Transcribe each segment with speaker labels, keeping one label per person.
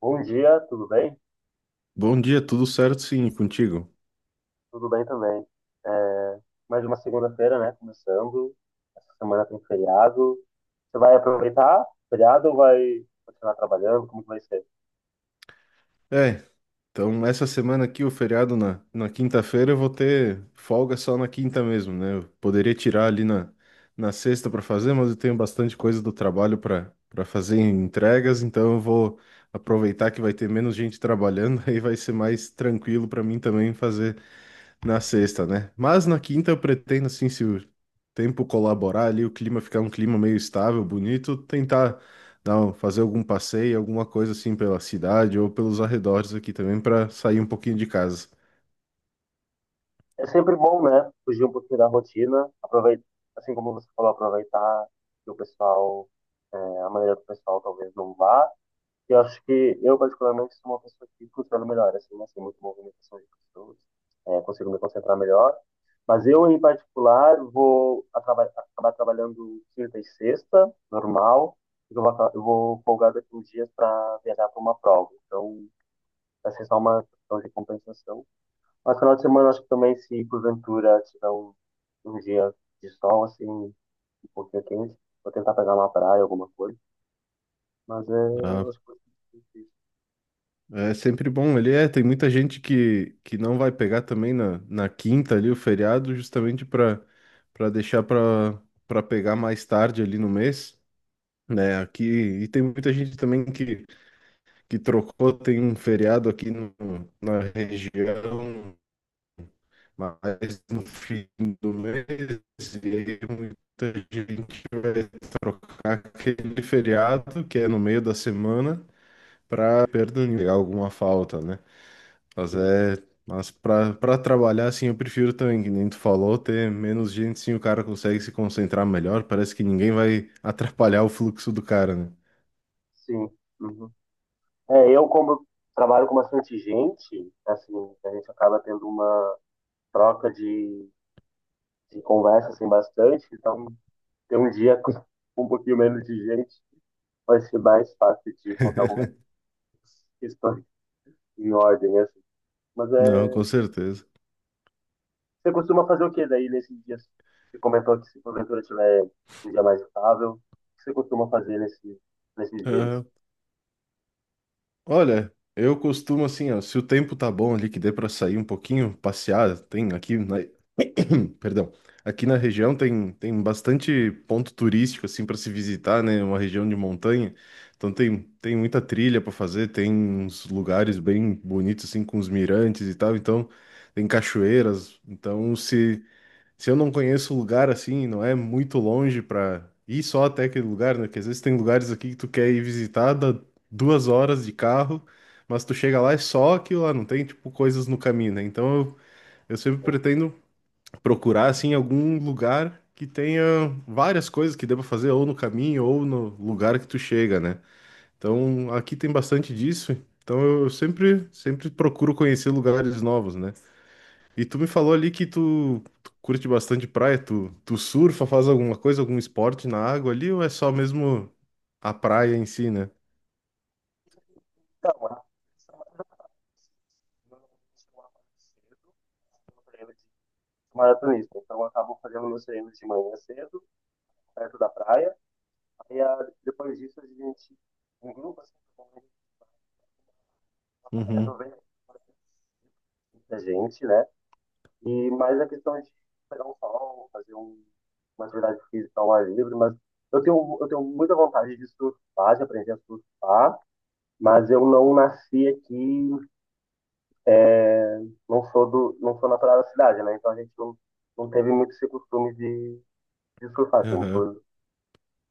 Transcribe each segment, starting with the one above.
Speaker 1: Bom dia, tudo bem?
Speaker 2: Bom dia, tudo certo? Sim, e contigo.
Speaker 1: Tudo bem também. É, Mais uma segunda-feira, né? Começando. Essa semana tem feriado. Você vai aproveitar o feriado ou vai continuar trabalhando? Como que vai ser?
Speaker 2: É, então essa semana aqui, o feriado na quinta-feira, eu vou ter folga só na quinta mesmo, né? Eu poderia tirar ali na sexta para fazer, mas eu tenho bastante coisa do trabalho para fazer em entregas, então eu vou aproveitar que vai ter menos gente trabalhando, aí vai ser mais tranquilo para mim também fazer na sexta, né? Mas na quinta eu pretendo, assim, se o tempo colaborar ali, o clima ficar um clima meio estável, bonito, tentar fazer algum passeio, alguma coisa assim pela cidade ou pelos arredores aqui também para sair um pouquinho de casa.
Speaker 1: É sempre bom, né? Fugir um pouquinho da rotina. Aproveitar, assim como você falou, aproveitar que o pessoal, a maneira do pessoal talvez não vá. Eu acho que eu, particularmente, sou uma pessoa que funciona melhor, assim, muito movimentação de pessoas, consigo me concentrar melhor. Mas eu, em particular, acabar trabalhando quinta e sexta, normal, eu vou folgar daqui uns dias para viajar para uma prova. Então, vai ser só uma questão de compensação. Mas final de semana, acho que também, se porventura tiver um dia de sol, assim, um pouquinho quente, vou tentar pegar uma praia, alguma coisa. Mas eu
Speaker 2: Ah,
Speaker 1: acho que vai ser difícil.
Speaker 2: é sempre bom. Ele é, tem muita gente que não vai pegar também na quinta ali o feriado, justamente para deixar para pegar mais tarde ali no mês, né? Aqui e tem muita gente também que trocou, tem um feriado aqui na região, mas no fim do mês, e aí muita gente vai trocar aquele feriado, que é no meio da semana, para pegar alguma falta, né? Mas é. Mas para trabalhar, assim, eu prefiro também, que nem tu falou, ter menos gente, sim, o cara consegue se concentrar melhor, parece que ninguém vai atrapalhar o fluxo do cara, né?
Speaker 1: Sim. Uhum. É, eu como trabalho com bastante gente, assim, a gente acaba tendo uma troca de, de conversa assim bastante, então ter um dia com um pouquinho menos de gente vai ser mais fácil de contar algumas questões em ordem, assim. Mas
Speaker 2: Não,
Speaker 1: é,
Speaker 2: com certeza.
Speaker 1: você costuma fazer o que daí nesses dias? Você comentou que se porventura tiver um dia mais estável, o que você costuma fazer nesses dias?
Speaker 2: Olha, eu costumo assim, ó, se o tempo tá bom ali, que dê pra sair um pouquinho, passear, tem aqui na, perdão, aqui na região tem, bastante ponto turístico assim para se visitar, né? Uma região de montanha, então tem muita trilha para fazer, tem uns lugares bem bonitos assim com os mirantes e tal, então tem cachoeiras, então se eu não conheço o lugar assim, não é muito longe pra ir só até aquele lugar, né? Porque às vezes tem lugares aqui que tu quer ir visitar, dá 2 horas de carro, mas tu chega lá é só aquilo lá, não tem tipo coisas no caminho, né? Então eu sempre pretendo procurar assim algum lugar que tenha várias coisas que dê pra fazer ou no caminho ou no lugar que tu chega, né? Então aqui tem bastante disso. Então eu sempre procuro conhecer lugares novos, né? E tu me falou ali que tu curte bastante praia, tu surfa, faz alguma coisa, algum esporte na água ali, ou é só mesmo a praia em si, né?
Speaker 1: Então, maratonista. Então eu acabo fazendo meus treinos de manhã cedo, perto da praia. Depois disso a gente em grupo assim, na praia, eu
Speaker 2: Uhum.
Speaker 1: vejo muita gente, né? E mais a questão de pegar um sol, fazer uma atividade física ao ar livre, mas eu tenho muita vontade de surfar, de aprender a surfar, mas eu não nasci aqui é, não sou do, não sou natural da cidade, né? Então a gente não, Não teve muito esse costume de surfar, assim,
Speaker 2: Aham.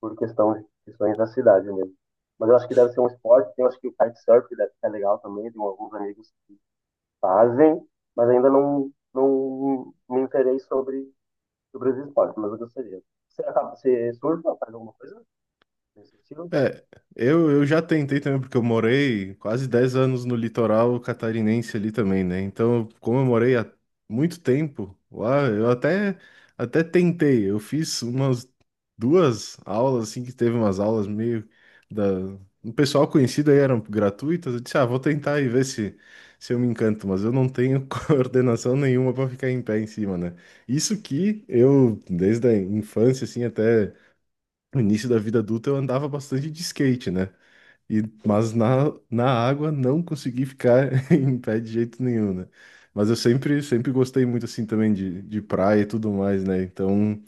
Speaker 1: por questões da cidade mesmo. Mas eu acho que deve ser um esporte, eu acho que o kitesurf deve ser legal também, tem alguns amigos que fazem, mas ainda não me interei sobre os esportes, mas eu gostaria. Você surfa, faz alguma coisa nesse estilo?
Speaker 2: É, eu já tentei também, porque eu morei quase 10 anos no litoral catarinense ali também, né? Então, como eu morei há muito tempo lá, eu até tentei. Eu fiz umas duas aulas, assim, que teve umas aulas meio da. O pessoal conhecido aí eram gratuitas. Eu disse, ah, vou tentar e ver se, se eu me encanto, mas eu não tenho coordenação nenhuma para ficar em pé em cima, né? Isso que eu, desde a infância, assim, até. No início da vida adulta eu andava bastante de skate, né? E, mas na, na água não consegui ficar em pé de jeito nenhum, né? Mas eu sempre gostei muito assim também de praia e tudo mais, né? Então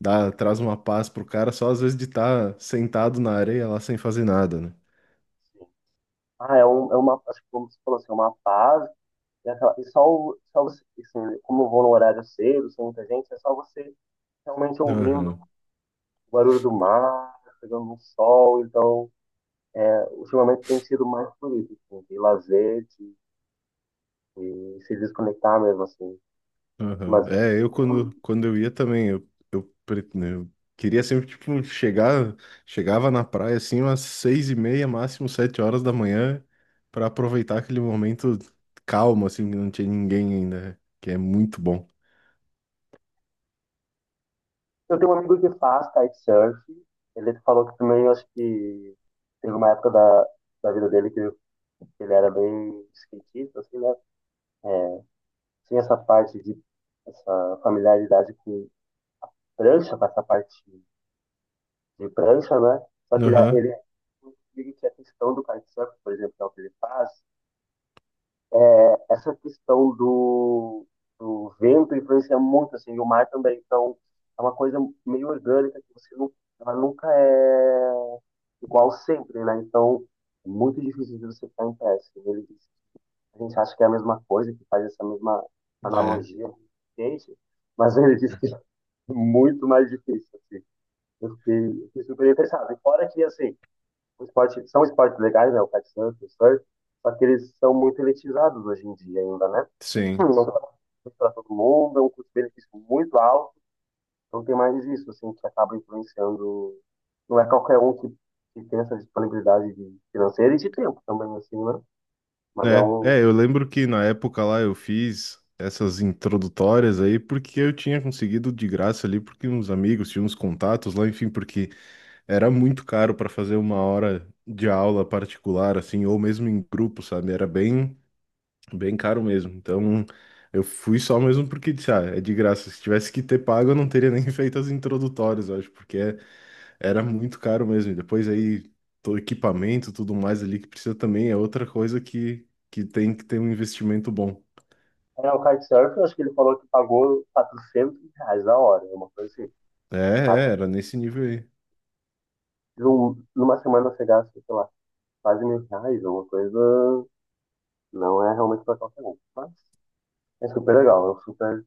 Speaker 2: dá, traz uma paz pro cara só às vezes de estar sentado na areia lá sem fazer nada, né?
Speaker 1: Sim. É uma, acho que como você falou assim, é uma paz. Só você, assim, como eu vou no horário cedo, sem muita gente, é só você realmente ouvindo
Speaker 2: Aham.
Speaker 1: o barulho do mar, pegando um sol. Então, ultimamente tem sido mais por isso, assim, de de se desconectar mesmo, assim.
Speaker 2: Aham.
Speaker 1: Mas eu
Speaker 2: É, eu
Speaker 1: tenho,
Speaker 2: quando,
Speaker 1: um,
Speaker 2: quando eu ia também, né, eu queria sempre, tipo, chegar, chegava na praia, assim, umas 6:30, máximo 7 horas da manhã, para aproveitar aquele momento calmo, assim, que não tinha ninguém ainda, que é muito bom.
Speaker 1: eu tenho um amigo que faz kitesurf. Ele falou que também, eu acho que teve uma época da vida dele que ele era bem skatista, assim, né? Tinha essa parte de, essa familiaridade com prancha, com essa parte de prancha, né? Só que
Speaker 2: Aham.
Speaker 1: ele que a questão do kitesurf, por exemplo, que é o que ele faz, essa questão do, do vento influencia muito, assim, e o mar também. Então, é uma coisa meio orgânica que você não, ela nunca é igual sempre, né? Então, é muito difícil de você ficar em pé, assim. Ele diz- a gente acha que é a mesma coisa, que faz essa mesma
Speaker 2: É,
Speaker 1: analogia com o skate, mas ele disse que é muito mais difícil, assim. Eu fiquei super interessado. E fora que, assim, são esportes legais, né? O kitesurf, o surf, só que eles são muito elitizados hoje em dia ainda, né?
Speaker 2: sim.
Speaker 1: Não. Isso. são para todo mundo, é um custo-benefício muito alto, então tem mais isso, assim, que acaba influenciando. Não é qualquer um que tem essa disponibilidade de- financeira e de tempo também, assim, né? Mas é
Speaker 2: É,
Speaker 1: um.
Speaker 2: é, eu lembro que na época lá eu fiz essas introdutórias aí porque eu tinha conseguido de graça ali, porque uns amigos tinham uns contatos lá, enfim, porque era muito caro para fazer uma hora de aula particular, assim, ou mesmo em grupo, sabe? Era bem, bem caro mesmo. Então, eu fui só mesmo porque disse, ah, é de graça. Se tivesse que ter pago, eu não teria nem feito as introdutórias, eu acho, porque é- era muito caro mesmo. E depois aí, todo equipamento, tudo mais ali que precisa também é outra coisa que tem que ter um investimento bom.
Speaker 1: É, o kitesurf, eu acho que ele falou que pagou R$ 400 a hora, é uma coisa assim.
Speaker 2: É,
Speaker 1: Ah,
Speaker 2: é,
Speaker 1: tá.
Speaker 2: era nesse nível aí.
Speaker 1: Numa semana você gasta, sei lá, quase R$ 1.000, uma coisa. Não é realmente para qualquer um, mas é super legal, eu super.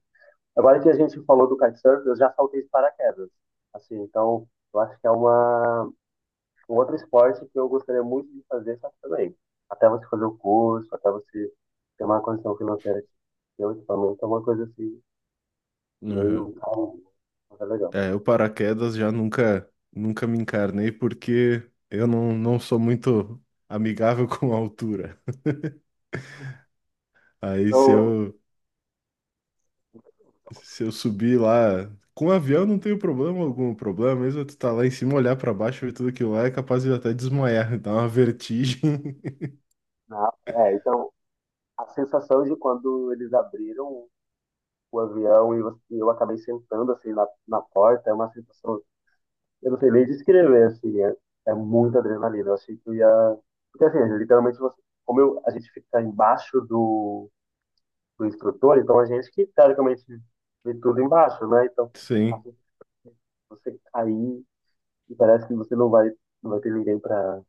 Speaker 1: Agora que a gente falou do kitesurf, eu já saltei de paraquedas. Assim, então eu acho que é uma um outro esporte que eu gostaria muito de fazer, só que também. Até você fazer o curso, até você ter uma condição financeira de ter o equipamento, é uma coisa assim,
Speaker 2: Aham.
Speaker 1: meio calma, mas é legal.
Speaker 2: É, o paraquedas já nunca me encarnei porque eu não sou muito amigável com a altura. Aí se
Speaker 1: Não,
Speaker 2: eu, se eu subir lá com o avião não tenho problema algum. O problema mesmo é tu tá lá em cima, olhar pra baixo, ver tudo aquilo lá, é capaz de até desmaiar, dar uma vertigem.
Speaker 1: não, então a sensação de quando eles abriram o avião e você- e eu acabei sentando assim na porta, é uma sensação. Eu não sei nem descrever, assim, é muita adrenalina. Eu achei que eu ia. Porque, assim, literalmente, você- como eu, a gente fica embaixo do, do instrutor, então a gente que, teoricamente, vê tudo embaixo, né? Então,
Speaker 2: Sim.
Speaker 1: assim, você cair e parece que você não vai ter ninguém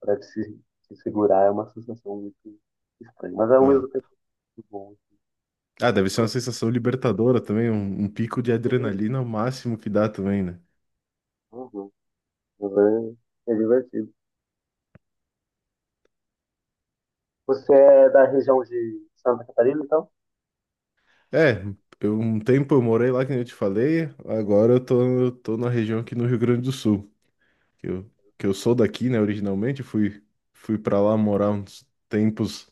Speaker 1: pra te, te segurar, é uma sensação muito estranha. Mas, ao
Speaker 2: Ah,
Speaker 1: mesmo tempo, muito bom.
Speaker 2: Ah, deve ser uma
Speaker 1: Eu
Speaker 2: sensação libertadora também, um pico de
Speaker 1: gostei.
Speaker 2: adrenalina ao máximo que dá também, né?
Speaker 1: Uhum. Mas é, é divertido. Você é da região de Santa Catarina, então?
Speaker 2: É, eu, um tempo eu morei lá, que nem eu te falei, agora eu tô na região aqui no Rio Grande do Sul. que eu, que eu, sou daqui, né, originalmente, fui para lá morar uns tempos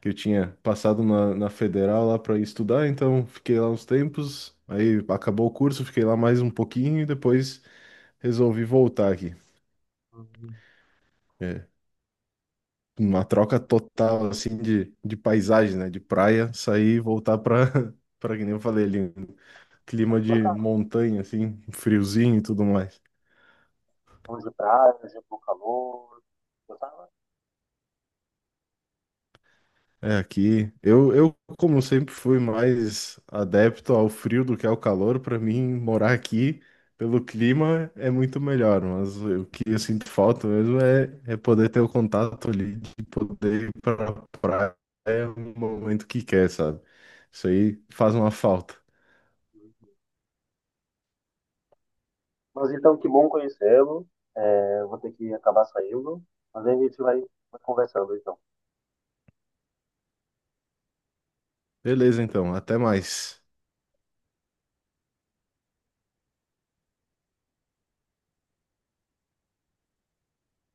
Speaker 2: que eu tinha passado na, na Federal lá para estudar, então fiquei lá uns tempos, aí acabou o curso, fiquei lá mais um pouquinho e depois resolvi voltar aqui.
Speaker 1: Hum.
Speaker 2: É, uma troca total, assim, de paisagem, né, de praia, sair e voltar para que nem eu falei ali, um clima de
Speaker 1: Gostava
Speaker 2: montanha, assim, friozinho e tudo mais.
Speaker 1: então de praia, de bom calor, gostava?
Speaker 2: É aqui. Eu, como sempre, fui mais adepto ao frio do que ao calor. Para mim, morar aqui pelo clima é muito melhor. Mas o que eu sinto falta mesmo é, é poder ter o contato ali, de poder ir pra praia no momento que quer, sabe? Isso aí faz uma falta.
Speaker 1: Hum. Mas então, que bom conhecê-lo. É, vou ter que acabar saindo, mas aí a gente vai vai conversando, então.
Speaker 2: Beleza, então. Até mais.